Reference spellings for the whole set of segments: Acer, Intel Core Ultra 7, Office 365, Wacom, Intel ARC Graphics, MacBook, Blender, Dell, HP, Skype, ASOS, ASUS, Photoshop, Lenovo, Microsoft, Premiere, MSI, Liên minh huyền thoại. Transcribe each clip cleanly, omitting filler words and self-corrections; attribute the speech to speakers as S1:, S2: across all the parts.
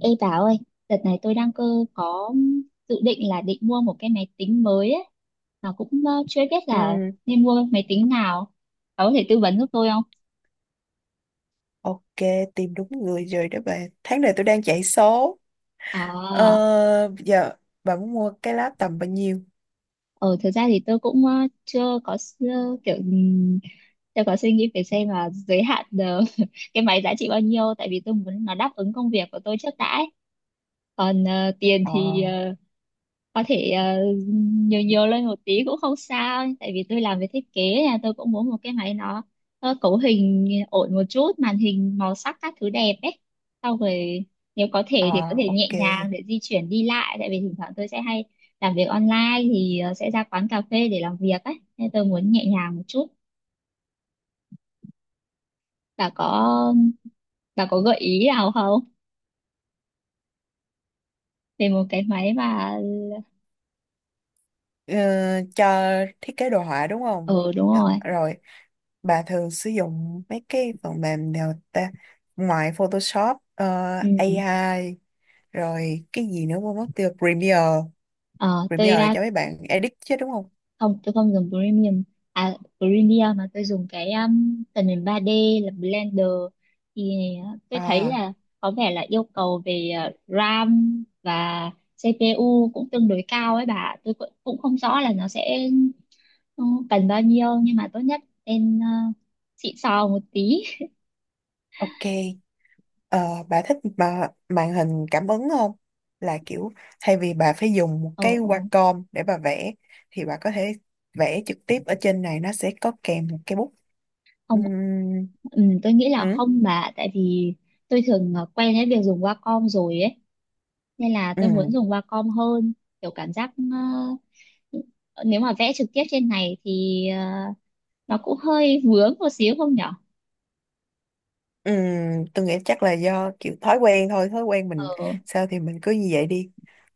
S1: Ê bà ơi, đợt này tôi đang cơ có dự định là định mua một cái máy tính mới ấy. Mà cũng chưa biết là
S2: Ừ,
S1: nên mua máy tính nào. Bà có thể tư vấn giúp tôi không?
S2: ok, tìm đúng người rồi đó bạn. Tháng này tôi đang chạy số.
S1: Ờ,
S2: Giờ bạn muốn mua cái lá tầm bao nhiêu?
S1: ờ thực ra thì tôi cũng chưa có kiểu chưa có suy nghĩ về xem là giới hạn cái máy giá trị bao nhiêu, tại vì tôi muốn nó đáp ứng công việc của tôi trước đã ấy. Còn tiền
S2: Ờ,
S1: thì có thể nhiều nhiều lên một tí cũng không sao, tại vì tôi làm về thiết kế nha, tôi cũng muốn một cái máy nó cấu hình ổn một chút, màn hình màu sắc các thứ đẹp ấy. Sau rồi nếu có
S2: ờ,
S1: thể thì có thể nhẹ
S2: ok.
S1: nhàng để di chuyển đi lại, tại vì thỉnh thoảng tôi sẽ hay làm việc online thì sẽ ra quán cà phê để làm việc ấy, nên tôi muốn nhẹ nhàng một chút. Bà có bà có gợi ý nào không, về một cái máy mà...
S2: Ờ, cho thiết kế đồ họa đúng không?
S1: Ừ, đúng
S2: Dạ,
S1: rồi.
S2: rồi, bà thường sử dụng mấy cái phần mềm nào ta? Ngoài Photoshop,
S1: Ừ.
S2: AI, rồi cái gì nữa quên mất tiêu, Premiere.
S1: Ờ, tôi
S2: Premiere là
S1: à,
S2: cho mấy bạn edit chứ đúng không?
S1: không tôi không dùng premium. À, premium mà tôi dùng cái tần nền 3D là Blender. Thì tôi thấy
S2: À,
S1: là có vẻ là yêu cầu về RAM và CPU cũng tương đối cao ấy bà, tôi cũng cũng không rõ là nó sẽ ừ, cần bao nhiêu, nhưng mà tốt nhất nên xịn sò một tí.
S2: ok. Bà thích mà màn hình cảm ứng không? Là kiểu thay vì bà phải dùng một
S1: Ờ.
S2: cái
S1: Ờ.
S2: Wacom để bà vẽ thì bà có thể vẽ trực tiếp ở trên này, nó sẽ có kèm một cái bút. Ừm,
S1: Không. Ừ, tôi nghĩ
S2: ừ,
S1: là không bà, tại vì tôi thường quen với việc dùng Wacom rồi ấy, nên là tôi muốn
S2: ừ.
S1: dùng Wacom hơn. Kiểu cảm giác à, Ờ, nếu mà vẽ trực tiếp trên này thì nó cũng hơi vướng một xíu không nhở.
S2: Ừ, tôi nghĩ chắc là do kiểu thói quen thôi, thói quen mình
S1: Ờ.
S2: sao thì mình cứ như vậy đi.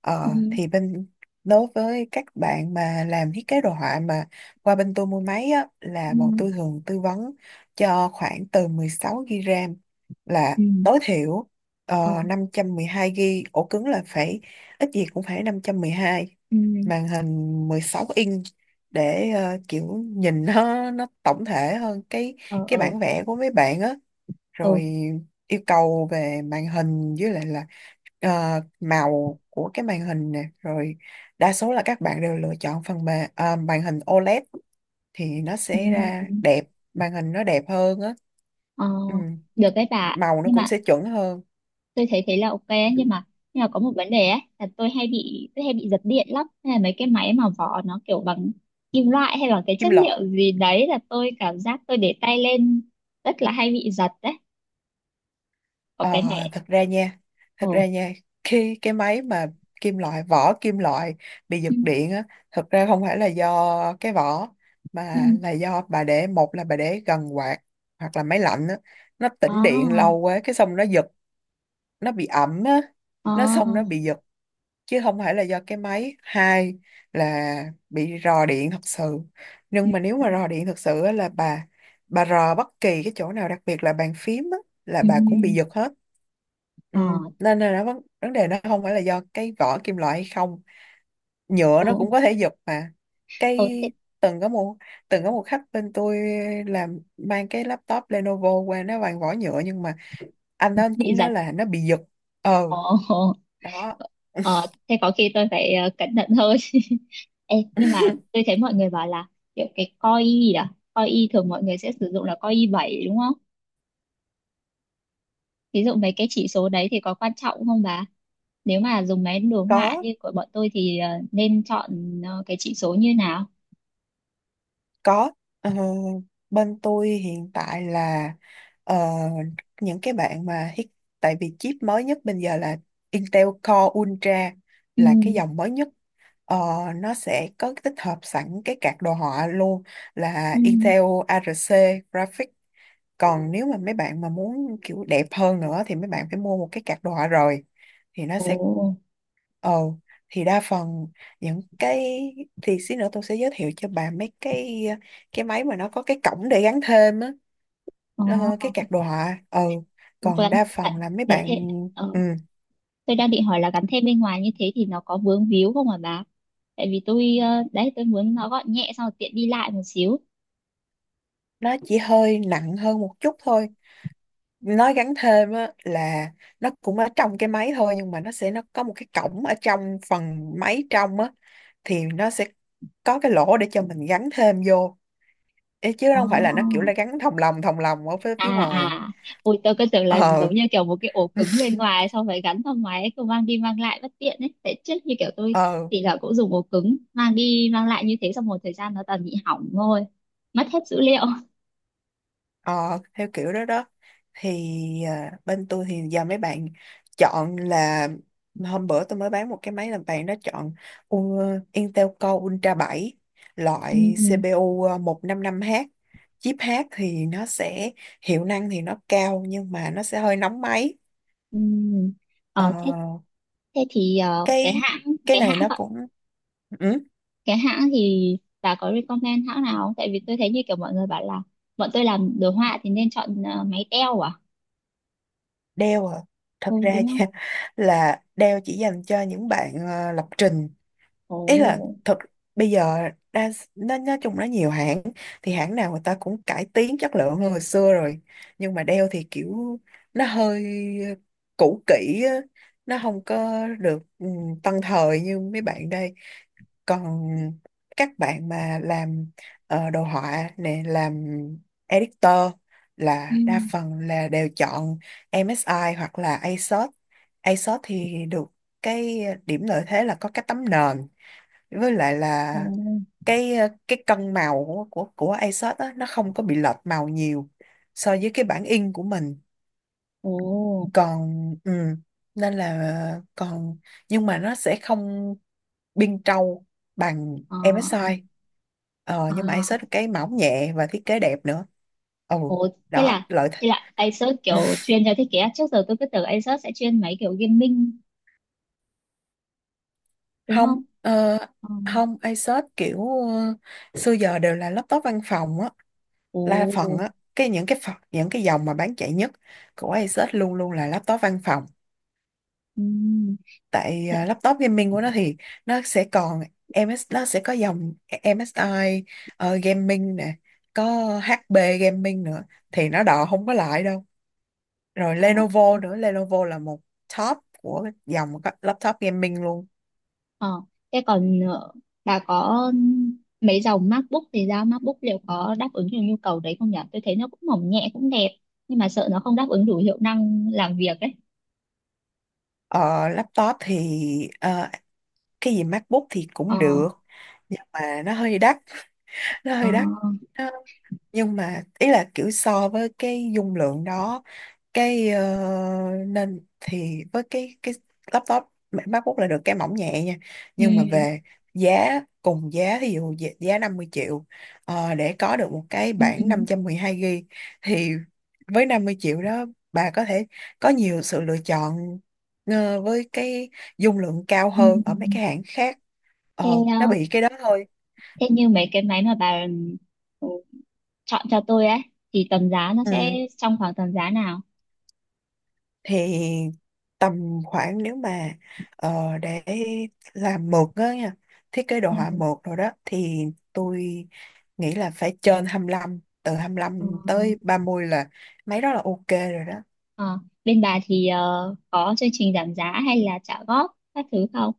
S1: Ừ.
S2: Thì bên đối với các bạn mà làm thiết kế đồ họa mà qua bên tôi mua máy á,
S1: Ừ.
S2: là bọn tôi thường tư vấn cho khoảng từ 16 GB RAM là
S1: Ừ.
S2: tối thiểu,
S1: Ờ.
S2: ờ, 512 GB, ổ cứng là phải ít gì cũng phải 512,
S1: Ừ.
S2: màn hình 16 inch để kiểu nhìn nó tổng thể hơn cái
S1: Ờ.
S2: cái
S1: Ờ.
S2: bản vẽ của mấy bạn á.
S1: Ờ.
S2: Rồi yêu cầu về màn hình với lại là màu của cái màn hình nè. Rồi đa số là các bạn đều lựa chọn phần mềm màn hình OLED thì nó sẽ
S1: Ừ.
S2: ra đẹp, màn hình nó đẹp hơn á.
S1: Ờ.
S2: Ừ,
S1: Được đấy bà.
S2: màu nó
S1: Nhưng
S2: cũng
S1: mà
S2: sẽ chuẩn hơn.
S1: tôi thấy thế là ok ấy, nhưng mà có một vấn đề ấy là tôi hay bị giật điện lắm, hay là mấy cái máy mà vỏ nó kiểu bằng kim loại hay là cái
S2: Kim
S1: chất
S2: loại.
S1: liệu gì đấy là tôi cảm giác tôi để tay lên rất là hay bị giật đấy. Có
S2: Ờ,
S1: cái này...
S2: thật ra nha, thật
S1: Ồ.
S2: ra nha, khi cái máy mà kim loại, vỏ kim loại bị
S1: Ừ.
S2: giật điện á, thật ra không phải là do cái vỏ,
S1: Ừ.
S2: mà là do bà để, một là bà để gần quạt, hoặc là máy lạnh á, nó
S1: Ờ.
S2: tĩnh điện lâu quá, cái xong nó giật, nó bị ẩm á,
S1: Ờ.
S2: nó xong nó bị giật, chứ không phải là do cái máy. Hai là bị rò điện thật sự,
S1: Ừ,
S2: nhưng mà nếu mà rò điện thật sự á, là bà rò bất kỳ cái chỗ nào, đặc biệt là bàn phím á, là
S1: ừ,
S2: bà cũng bị
S1: ừ.
S2: giật hết. Ừ.
S1: Ờ.
S2: Nên là nó vấn đề nó không phải là do cái vỏ kim loại hay không, nhựa nó
S1: Ồ.
S2: cũng có thể giật mà.
S1: Ồ
S2: Cái
S1: thế.
S2: từng có một từng có một khách bên tôi làm, mang cái laptop Lenovo qua, nó bằng vỏ nhựa nhưng mà anh đó anh
S1: Bị
S2: cũng
S1: giật.
S2: nói là nó bị giật. Ờ,
S1: Ồ. Ồ.
S2: đó.
S1: ờ thế có khi tôi phải cẩn thận hơn Ê, nhưng mà tôi thấy mọi người bảo là kiểu cái coi gì đó, coi y thường mọi người sẽ sử dụng là coi y 7 đúng không, ví dụ mấy cái chỉ số đấy thì có quan trọng không bà? Nếu mà dùng máy đồ họa
S2: có
S1: như của bọn tôi thì nên chọn cái chỉ số như nào?
S2: Có, ờ, bên tôi hiện tại là ờ, những cái bạn mà hit, tại vì chip mới nhất bây giờ là Intel Core Ultra, là cái
S1: Ừ.
S2: dòng mới nhất. Ờ, nó sẽ có tích hợp sẵn cái card đồ họa luôn,
S1: Ừ.
S2: là Intel ARC Graphics. Còn nếu mà mấy bạn mà muốn kiểu đẹp hơn nữa thì mấy bạn phải mua một cái card đồ họa rồi. Thì nó
S1: Ồ.
S2: sẽ ờ thì đa phần những cái, thì xí nữa tôi sẽ giới thiệu cho bà mấy cái máy mà nó có cái cổng để gắn thêm á,
S1: Ờ.
S2: cái card đồ họa. Ừ, còn
S1: vẫn
S2: đa
S1: vẫn
S2: phần là mấy
S1: vẫn
S2: bạn,
S1: thế.
S2: ừ,
S1: Tôi đang định hỏi là gắn thêm bên ngoài như thế thì nó có vướng víu không hả bà? Tại vì tôi đấy, tôi muốn nó gọn nhẹ xong rồi tiện đi lại một xíu.
S2: nó chỉ hơi nặng hơn một chút thôi, nó gắn thêm á là nó cũng ở trong cái máy thôi, nhưng mà nó sẽ nó có một cái cổng ở trong phần máy trong á, thì nó sẽ có cái lỗ để cho mình gắn thêm vô. Ê, chứ
S1: Ồ.
S2: không phải là nó kiểu là gắn thòng lồng ở phía
S1: À
S2: phía ngoài.
S1: à, ôi tôi cứ tưởng là
S2: Ờ,
S1: giống như kiểu một cái ổ cứng bên ngoài xong phải gắn vào ngoài ấy, cứ mang đi mang lại bất tiện ấy. Tại trước như kiểu tôi
S2: ờ,
S1: thì là cũng dùng ổ cứng mang đi mang lại như thế xong một thời gian nó toàn bị hỏng thôi, mất hết dữ liệu.
S2: ờ, theo kiểu đó đó, thì bên tôi thì giờ mấy bạn chọn là hôm bữa tôi mới bán một cái máy làm bạn nó chọn Intel Core Ultra 7 loại
S1: Ừ,
S2: CPU 155H, chip H, thì nó sẽ hiệu năng thì nó cao nhưng mà nó sẽ hơi nóng máy.
S1: ừ.
S2: Ờ,
S1: Ờ, thế thế thì
S2: cái cái
S1: cái
S2: này
S1: hãng
S2: nó cũng ừ,
S1: cái hãng thì bà có recommend hãng nào không? Tại vì tôi thấy như kiểu mọi người bảo là bọn tôi làm đồ họa thì nên chọn máy teo à?
S2: Dell à,
S1: Ừ,
S2: thật ra
S1: đúng không?
S2: là Dell chỉ dành cho những bạn lập trình, ý là
S1: Ồ.
S2: thật. Bây giờ đa, nó nói chung nó nhiều hãng, thì hãng nào người ta cũng cải tiến chất lượng hơn hồi xưa rồi nhưng mà đeo thì kiểu nó hơi cũ kỹ á, nó không có được ừ, tân thời như mấy bạn đây. Còn các bạn mà làm đồ họa nè, làm editor
S1: Ừ.
S2: là đa phần là đều chọn MSI hoặc là ASOS. ASOS thì được cái điểm lợi thế là có cái tấm nền với lại
S1: Ồ.
S2: là cái cái cân màu của ASUS á, nó không có bị lệch màu nhiều so với cái bản in của mình.
S1: Ồ.
S2: Còn ừ, nên là còn nhưng mà nó sẽ không biên trâu bằng
S1: Ờ.
S2: MSI. Ờ, nhưng mà
S1: À.
S2: ASUS cái mỏng nhẹ và thiết kế đẹp nữa. Ừ,
S1: Ồ, thế
S2: đó
S1: là
S2: lợi thế.
S1: thế là Acer kiểu chuyên cho thiết kế à? Trước giờ tôi cứ tưởng Acer sẽ chuyên mấy kiểu gaming đúng
S2: Không
S1: không? Ờ.
S2: không, ASUS kiểu xưa giờ đều là laptop văn phòng á, là phần
S1: Ồ.
S2: á, cái những cái phần, những cái dòng mà bán chạy nhất của Asus luôn luôn là laptop văn phòng.
S1: Ừ.
S2: Tại
S1: Thế-
S2: à, laptop gaming của nó thì nó sẽ còn MS, nó sẽ có dòng MSI gaming nè, có HP gaming nữa thì nó đò không có lại đâu. Rồi
S1: Ồ.
S2: Lenovo nữa, Lenovo là một top của dòng các laptop gaming luôn.
S1: Ờ, thế còn bà có mấy dòng MacBook thì sao, MacBook liệu có đáp ứng được nhu cầu đấy không nhỉ? Tôi thấy nó cũng mỏng nhẹ cũng đẹp, nhưng mà sợ nó không đáp ứng đủ hiệu năng làm việc ấy.
S2: Ờ, laptop thì ờ, cái gì MacBook thì cũng
S1: Ờ.
S2: được nhưng mà nó hơi đắt, nó
S1: Ờ.
S2: hơi đắt, nhưng mà ý là kiểu so với cái dung lượng đó, cái ờ, nên thì với cái laptop MacBook là được cái mỏng nhẹ nha.
S1: Ừ.
S2: Nhưng mà về giá cùng giá, ví dụ giá giá 50 triệu, để có được một cái
S1: Ừ. Ừ.
S2: bản 512 GB thì với 50 triệu đó, bà có thể có nhiều sự lựa chọn với cái dung lượng cao
S1: Ừ.
S2: hơn ở mấy cái hãng khác. Ờ,
S1: Thế,
S2: nó bị cái đó thôi.
S1: thế như mấy cái máy mà bà ừ, chọn cho tôi ấy thì tầm giá nó sẽ
S2: Ừ,
S1: trong khoảng tầm giá nào?
S2: thì tầm khoảng nếu mà để làm mượt á nha, thiết kế đồ họa
S1: Ừ.
S2: mượt rồi đó thì tôi nghĩ là phải trên 25, từ 25
S1: Ờ.
S2: tới 30 là mấy đó là ok rồi đó.
S1: Ờ. Bên bà thì có chương trình giảm giá hay là trả góp các thứ không?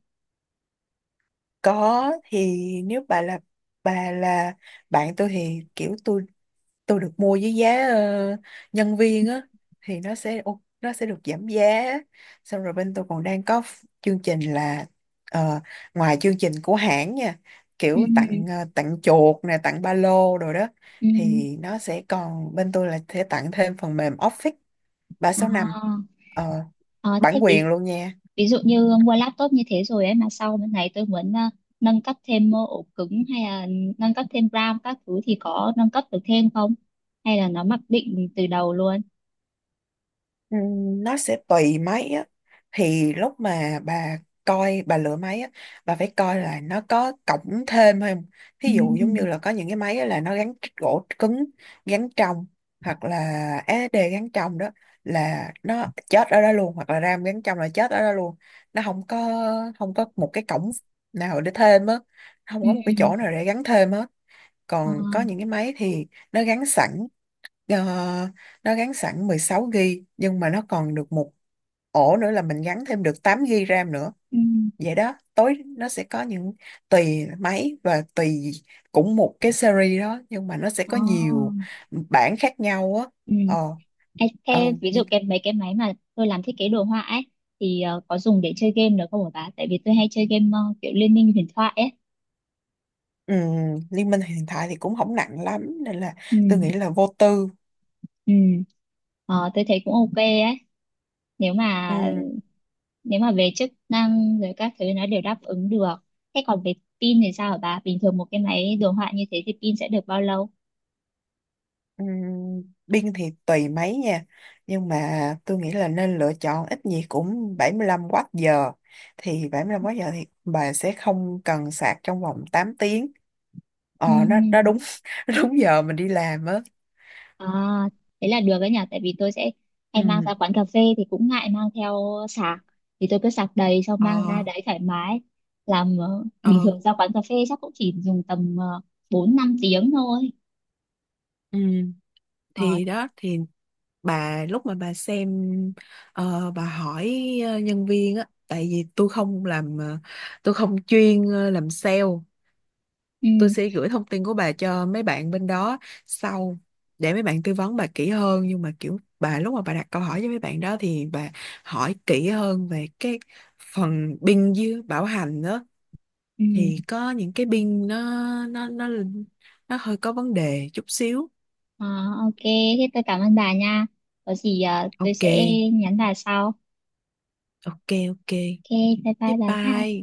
S2: Có, thì nếu bà là, bà là bạn tôi thì kiểu tôi được mua với giá nhân viên á, thì nó sẽ nó sẽ được giảm giá, xong rồi bên tôi còn đang có chương trình là ờ, ngoài chương trình của hãng nha,
S1: Ừ,
S2: kiểu tặng tặng chuột nè, tặng ba lô rồi đó,
S1: ừ.
S2: thì nó sẽ còn bên tôi là sẽ tặng thêm phần mềm Office 365,
S1: À.
S2: uh,
S1: Ờ, thế
S2: bản
S1: ví,
S2: quyền luôn nha.
S1: ví dụ như mua laptop như thế rồi ấy mà sau bên này tôi muốn nâng cấp thêm ổ cứng hay là nâng cấp thêm RAM các thứ thì có nâng cấp được thêm không? Hay là nó mặc định từ đầu luôn?
S2: Nó sẽ tùy máy á, thì lúc mà bà coi bà lựa máy á, bà phải coi là nó có cổng thêm không. Thí dụ giống như
S1: Ừ.
S2: là có những cái máy á là nó gắn gỗ cứng gắn trong hoặc là SD gắn trong đó là nó chết ở đó luôn, hoặc là RAM gắn trong là chết ở đó luôn, nó không có không có một cái cổng nào để thêm á, không
S1: Ừ.
S2: có một cái chỗ nào để gắn thêm á.
S1: Ờ.
S2: Còn có những cái máy thì nó gắn sẵn. Ờ, nó gắn sẵn 16 GB nhưng mà nó còn được một ổ nữa là mình gắn thêm được 8 GB RAM nữa.
S1: Ừ.
S2: Vậy đó, tối nó sẽ có những tùy máy và tùy cũng một cái series đó nhưng mà nó sẽ
S1: Ờ.
S2: có nhiều bản khác nhau á.
S1: Ừ.
S2: Ờ,
S1: Ê,
S2: ờ
S1: thế ví dụ
S2: nhưng
S1: cái mấy cái máy mà tôi làm thiết kế đồ họa ấy thì có dùng để chơi game được không hả bà? Tại vì tôi hay chơi game kiểu Liên minh huyền thoại ấy.
S2: Liên minh hiện tại thì cũng không nặng lắm nên là
S1: Ừ,
S2: tôi nghĩ là vô tư.
S1: ừ. Ờ, tôi thấy cũng ok ấy. Nếu mà
S2: Ừ.
S1: nếu mà về chức năng rồi các thứ nó đều đáp ứng được, thế còn về pin thì sao hả bà? Bình thường một cái máy đồ họa như thế thì pin sẽ được bao lâu?
S2: Ừm, Biên thì tùy mấy nha. Nhưng mà tôi nghĩ là nên lựa chọn ít gì cũng 75 Wh. Thì 75 Wh thì bà sẽ không cần sạc trong vòng 8 tiếng. Ờ nó
S1: Ừm.
S2: đúng nó đúng giờ mình đi làm á.
S1: À, thế là được đấy nhỉ, tại vì tôi sẽ hay mang
S2: Ừ,
S1: ra quán cà phê thì cũng ngại mang theo sạc, thì tôi cứ sạc đầy xong
S2: ờ,
S1: mang ra đấy thoải mái làm. Ờ, Bình
S2: ờ,
S1: thường ra quán cà phê chắc cũng chỉ dùng tầm bốn năm tiếng thôi.
S2: ừ,
S1: Ờ,
S2: thì
S1: thế.
S2: đó thì bà lúc mà bà xem bà hỏi nhân viên á, tại vì tôi không làm tôi không chuyên làm sale. Tôi
S1: Ừ,
S2: sẽ gửi thông tin của bà cho mấy bạn bên đó sau, để mấy bạn tư vấn bà kỹ hơn, nhưng mà kiểu bà lúc mà bà đặt câu hỏi với mấy bạn đó thì bà hỏi kỹ hơn về cái phần pin với bảo hành đó,
S1: ừ.
S2: thì có những cái pin nó, nó nó nó hơi có vấn đề chút xíu.
S1: Ờ, ok, thế tôi cảm ơn bà nha, có gì tôi
S2: Ok,
S1: sẽ nhắn bà sau.
S2: ok, ok,
S1: Ok. Bye bye
S2: bye
S1: bà nha.
S2: bye.